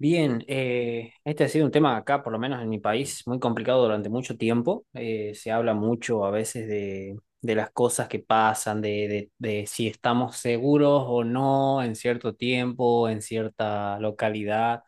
Bien, este ha sido un tema acá, por lo menos en mi país, muy complicado durante mucho tiempo. Se habla mucho a veces de las cosas que pasan, de si estamos seguros o no en cierto tiempo, en cierta localidad,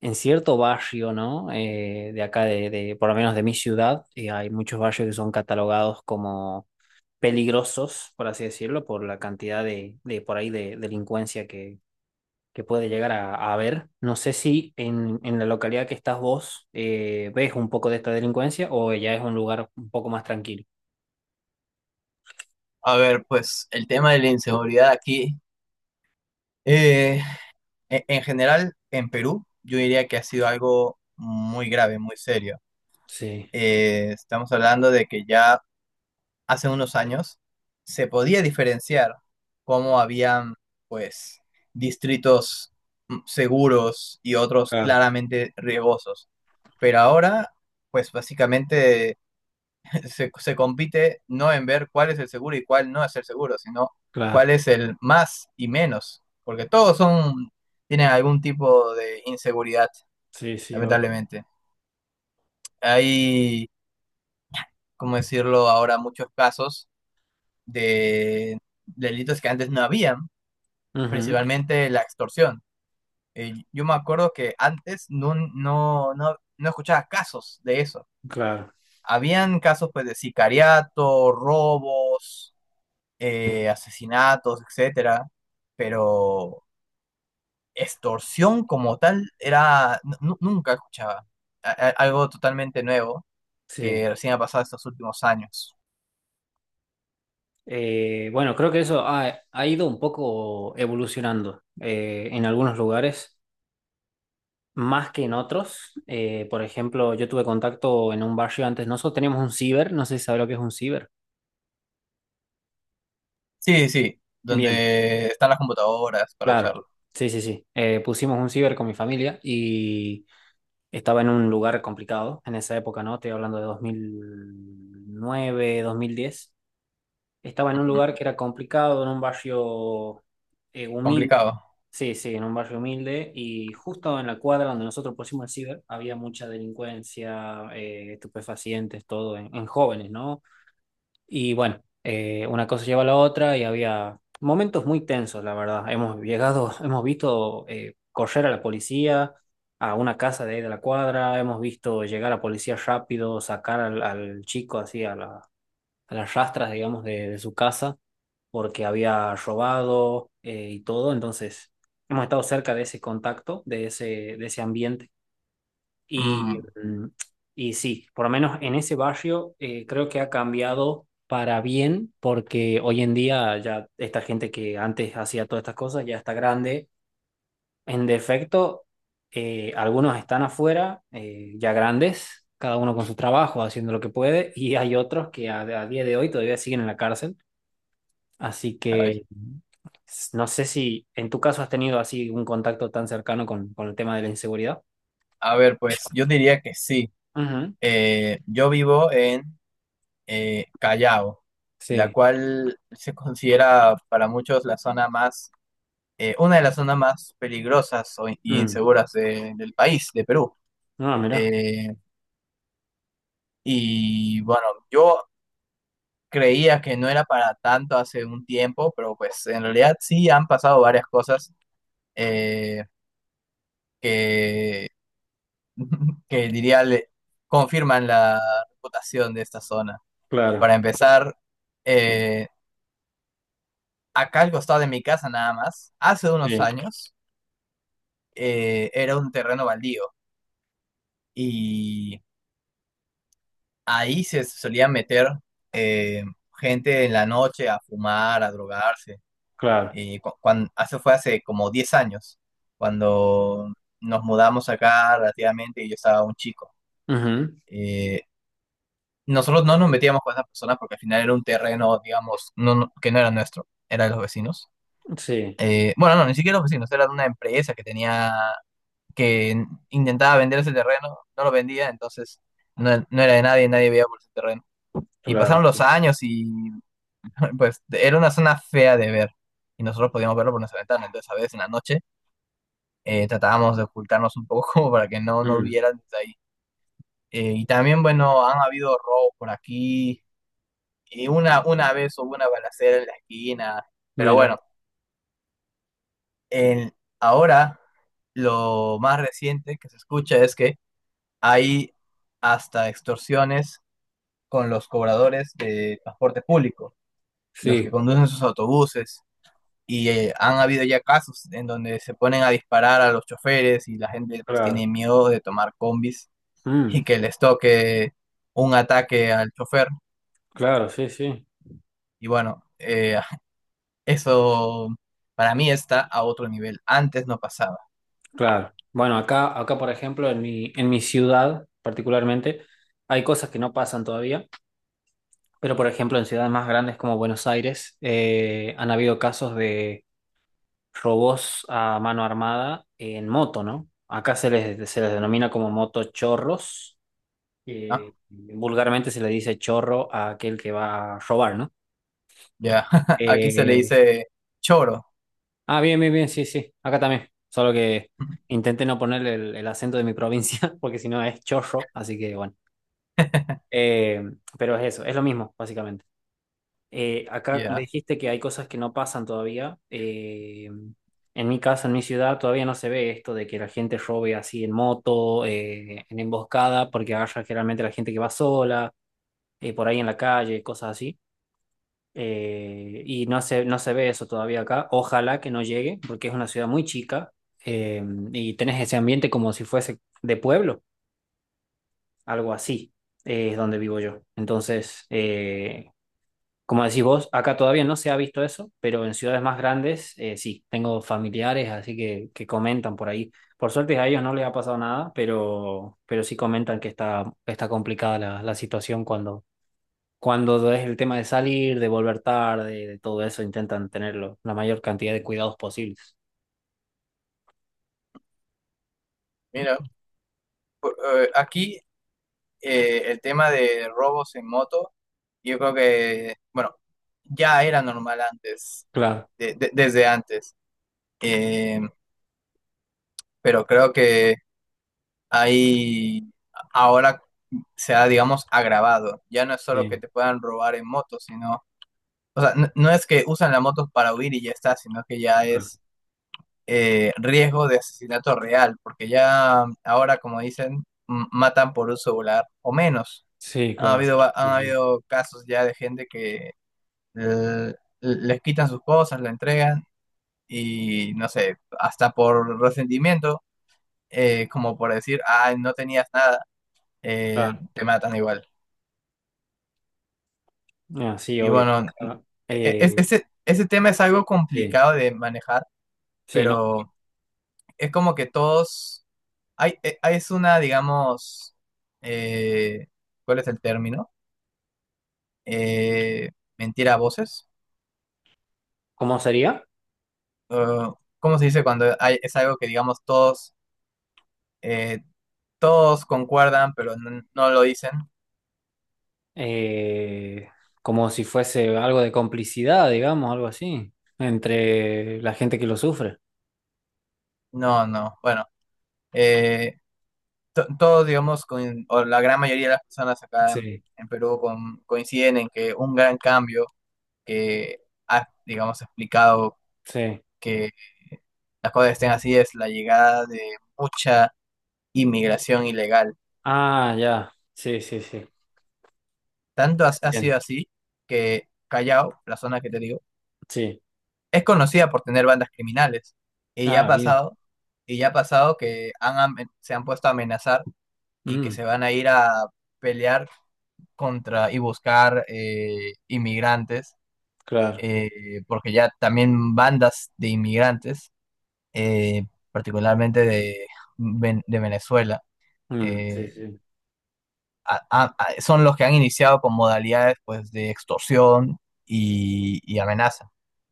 en cierto barrio, ¿no? De acá, por lo menos de mi ciudad, hay muchos barrios que son catalogados como peligrosos, por así decirlo, por la cantidad de por ahí de delincuencia que puede llegar a ver. No sé si en la localidad que estás vos, ves un poco de esta delincuencia o ya es un lugar un poco más tranquilo. A ver, pues el tema de la inseguridad aquí, eh, en general en Perú, yo diría que ha sido algo muy grave, muy serio. Sí, Estamos hablando de que ya hace unos años se podía diferenciar cómo habían, pues, distritos seguros y otros claro, claramente riesgosos. Pero ahora, pues básicamente se compite no en ver cuál es el seguro y cuál no es el seguro, sino cuál claro. es el más y menos, porque todos son, tienen algún tipo de inseguridad, Sí, sí, obvio. lamentablemente. Hay, cómo decirlo ahora, muchos casos de delitos que antes no habían, Ujú, principalmente la extorsión. Yo me acuerdo que antes no escuchaba casos de eso. claro, Habían casos pues de sicariato, robos, asesinatos, etcétera, pero extorsión como tal era nunca escuchaba. Algo totalmente nuevo que sí. recién ha pasado estos últimos años. Bueno, creo que eso ha ido un poco evolucionando, en algunos lugares, más que en otros. Por ejemplo, yo tuve contacto en un barrio antes, nosotros teníamos un ciber, no sé si sabrá lo que es un ciber. Sí, sí, Bien. donde están las computadoras para Claro, usarlo. sí, sí, sí. Pusimos un ciber con mi familia y estaba en un lugar complicado en esa época, ¿no? Estoy hablando de dos mil nueve, 2010. Estaba en un Ujú. lugar que era complicado, en un barrio, humilde. Complicado. Sí, sí, en un barrio humilde y justo en la cuadra donde nosotros pusimos el ciber había mucha delincuencia, estupefacientes, todo en jóvenes, ¿no? Y bueno, una cosa lleva a la otra y había momentos muy tensos, la verdad. Hemos llegado, hemos visto, correr a la policía a una casa de ahí de la cuadra. Hemos visto llegar a policía rápido, sacar al chico así a a las rastras, digamos, de su casa porque había robado, y todo. Entonces, hemos estado cerca de ese contacto, de ese ambiente y, Mm, mm, y sí, por lo menos en ese barrio, creo que ha cambiado para bien porque hoy en día ya esta gente que antes hacía todas estas cosas ya está grande. En defecto, algunos están afuera, ya grandes, cada uno con su trabajo, haciendo lo que puede, y hay otros que a día de hoy todavía siguen en la cárcel. Así ay. que no sé si en tu caso has tenido así un contacto tan cercano con el tema de la inseguridad. A ver, pues yo diría que sí. Ujú, Yo vivo en Callao, la sí. cual se considera para muchos la zona más una de las zonas más peligrosas o y Mm. inseguras del país, de Perú. Ah, mira, Eh, y bueno, yo creía que no era para tanto hace un tiempo, pero pues en realidad sí han pasado varias cosas eh, que, que diría le confirman la reputación de esta zona. claro, Para empezar, eh, acá al costado de mi casa nada más, hace unos sí, años era un terreno baldío y ahí se solía meter eh, gente en la noche a fumar, a drogarse. claro. Y cuando, eso fue hace como 10 años, cuando nos mudamos acá relativamente y yo estaba un chico. Ujú, Eh, Nosotros no nos metíamos con esas personas porque al final era un terreno, digamos, que no era nuestro, era de los vecinos. sí, Bueno, no, ni siquiera los vecinos, era de una empresa que tenía, que intentaba vender ese terreno, no lo vendía, entonces no, no era de nadie, nadie veía por ese terreno. Y claro, pasaron los sí. años y pues era una zona fea de ver y nosotros podíamos verlo por nuestra ventana. Entonces, a veces en la noche tratábamos de ocultarnos un poco como para que no nos Mm, vieran desde ahí. Y también, bueno, han habido robos por aquí. Y una vez hubo una balacera en la esquina. Pero mira, bueno, en- ahora lo más reciente que se escucha es que hay hasta extorsiones con los cobradores de transporte público, los que sí, conducen sus autobuses. Y han habido ya casos en donde se ponen a disparar a los choferes y la gente pues claro. tiene miedo de tomar combis Mm, y que les toque un ataque al chofer. claro, sí, sí, Y bueno, eso para mí está a otro nivel. Antes no pasaba, claro. Bueno, acá, por ejemplo, en mi ciudad particularmente, hay cosas que no pasan todavía, pero por ejemplo, en ciudades más grandes como Buenos Aires, han habido casos de robos a mano armada en moto, ¿no? Acá se les denomina como motochorros, ¿no? que vulgarmente se le dice chorro a aquel que va a robar, ¿no? Ya, aquí se le Eh, dice choro. ah, bien, bien, bien, sí, sí, acá también. Solo que intenté no ponerle el acento de mi provincia, porque si no es chorro, así que bueno. Eh, pero es eso, es lo mismo, básicamente. Acá, como Ya, dijiste, que hay cosas que no pasan todavía. En mi casa, en mi ciudad, todavía no se ve esto de que la gente robe así en moto, en emboscada, porque agarra generalmente la gente que va sola, por ahí en la calle, cosas así. Y no se ve eso todavía acá. Ojalá que no llegue, porque es una ciudad muy chica, eh, y tenés ese ambiente como si fuese de pueblo, algo así, es donde vivo yo. Entonces, como decís vos, acá todavía no se ha visto eso, pero en ciudades más grandes, sí, tengo familiares, así que comentan por ahí. Por suerte a ellos no les ha pasado nada, pero sí comentan que está complicada la situación cuando es el tema de salir, de volver tarde, de todo eso, intentan tenerlo, la mayor cantidad de cuidados posibles. mira, por- aquí el tema de robos en moto, yo creo que, bueno, ya era normal antes, Claro, desde antes. Eh, pero creo que ahí ahora se ha, digamos, agravado. Ya no es solo que sí, te puedan robar en moto, sino, o sea, no, es que usan la moto para huir y ya está, sino que ya claro, es riesgo de asesinato real, porque ya ahora, como dicen, matan por un celular o menos. sí, Ha claro. habido, Sí, han sí. habido casos ya de gente que eh, les quitan sus cosas, la entregan y, no sé, hasta por resentimiento como por decir, ah, no tenías nada, Claro. te matan igual. Ah, sí, Y obvio. bueno, Acá, eh, ese tema es algo sí, complicado de manejar, sí, no. pero es como que todos, hay, es una, digamos, eh, ¿cuál es el término? Eh, Mentira a voces. ¿Cómo sería? Uh, ¿Cómo se dice cuando hay, es algo que, digamos, todos, eh, todos concuerdan, pero no, lo dicen? Eh, Como si fuese algo de complicidad, digamos, algo así, entre la gente que lo sufre. No, no, bueno. eh, Todos, digamos, o la gran mayoría de las personas acá Sí. en Perú coinciden en que un gran cambio que ha, digamos, explicado Sí. que las cosas estén así es la llegada de mucha inmigración ilegal. Ah, ya. Sí, sí, sí. Tanto ha Bien. sido así que Callao, la zona que te digo, Sí. es conocida por tener bandas criminales. Y ya ha Ah, bien. pasado, y ya ha pasado que se han puesto a amenazar y que Mm, se van a ir a pelear contra y buscar inmigrantes claro. Porque ya también bandas de inmigrantes, eh, particularmente de, de Venezuela, Mm, sí, eh, sí. Son los que han iniciado con modalidades pues, de extorsión y amenaza.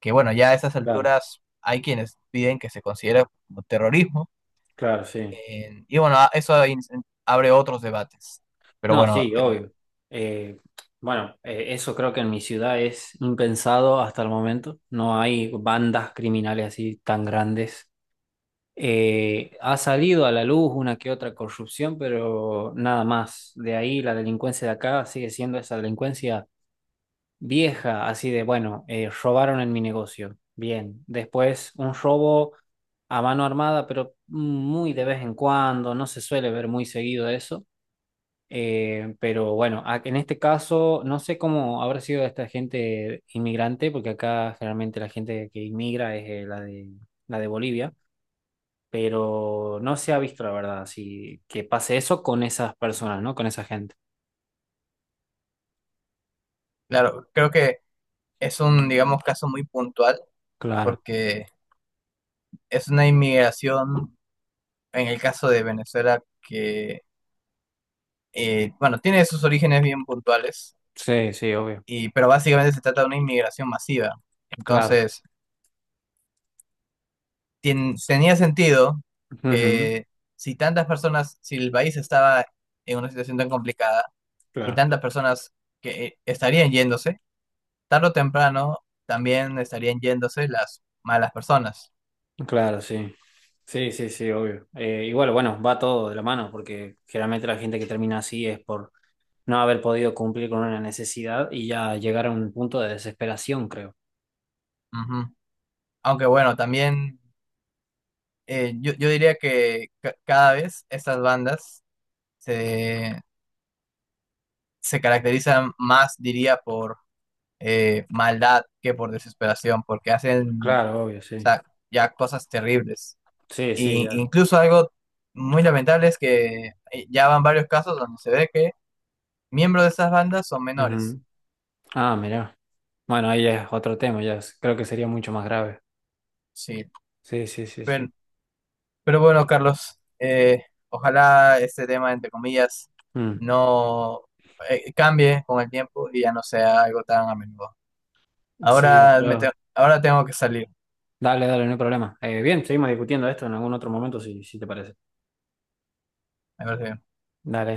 Que bueno, ya a esas Claro. alturas hay quienes piden que se considere como terrorismo, Claro, sí. Y bueno, eso ahí abre otros debates. Pero No, bueno, sí, obvio. Eh, bueno, eso creo que en mi ciudad es impensado hasta el momento. No hay bandas criminales así tan grandes. Ha salido a la luz una que otra corrupción, pero nada más. De ahí la delincuencia de acá sigue siendo esa delincuencia vieja, así de, bueno, robaron en mi negocio. Bien. Después un robo a mano armada, pero muy de vez en cuando, no se suele ver muy seguido eso. Pero bueno, en este caso no sé cómo habrá sido esta gente inmigrante, porque acá generalmente la gente que inmigra es, la de Bolivia, pero no se ha visto, la verdad, si que pase eso con esas personas, ¿no? Con esa gente. claro, creo que es un, digamos, caso muy puntual, Claro, porque es una inmigración en el caso de Venezuela, que, bueno, tiene sus orígenes bien puntuales, sí, sí, obvio, y, pero básicamente se trata de una inmigración masiva. claro. Entonces, tenía sentido Ujú, que si tantas personas, si el país estaba en una situación tan complicada y claro, tantas personas que estarían yéndose, tarde o temprano también estarían yéndose las malas personas. claro, sí. Sí, sí, sí, obvio. Igual, bueno, bueno, va todo de la mano, porque generalmente la gente que termina así es por no haber podido cumplir con una necesidad y ya llegar a un punto de desesperación, creo. Ujú. Aunque bueno, también yo diría que cada vez estas bandas se, se caracterizan más, diría, por maldad que por desesperación, porque hacen Claro, obvio, o sí. sea, ya cosas terribles. Sí, sí, Y ya. incluso algo muy lamentable es que ya van varios casos donde se ve que miembros de esas bandas son menores. Ujú. Ah, mira. Bueno, ahí ya es otro tema, creo que sería mucho más grave. Sí, Sí, sí, sí, pero, sí. pero bueno, Carlos, ojalá este tema, entre comillas, Mm. no cambie con el tiempo y ya no sea algo tan a menudo. Sí, Ahora, ojalá. ahora tengo que salir. Dale, dale, no hay problema. Bien, seguimos discutiendo esto en algún otro momento, si te parece. Me parece bien. Dale.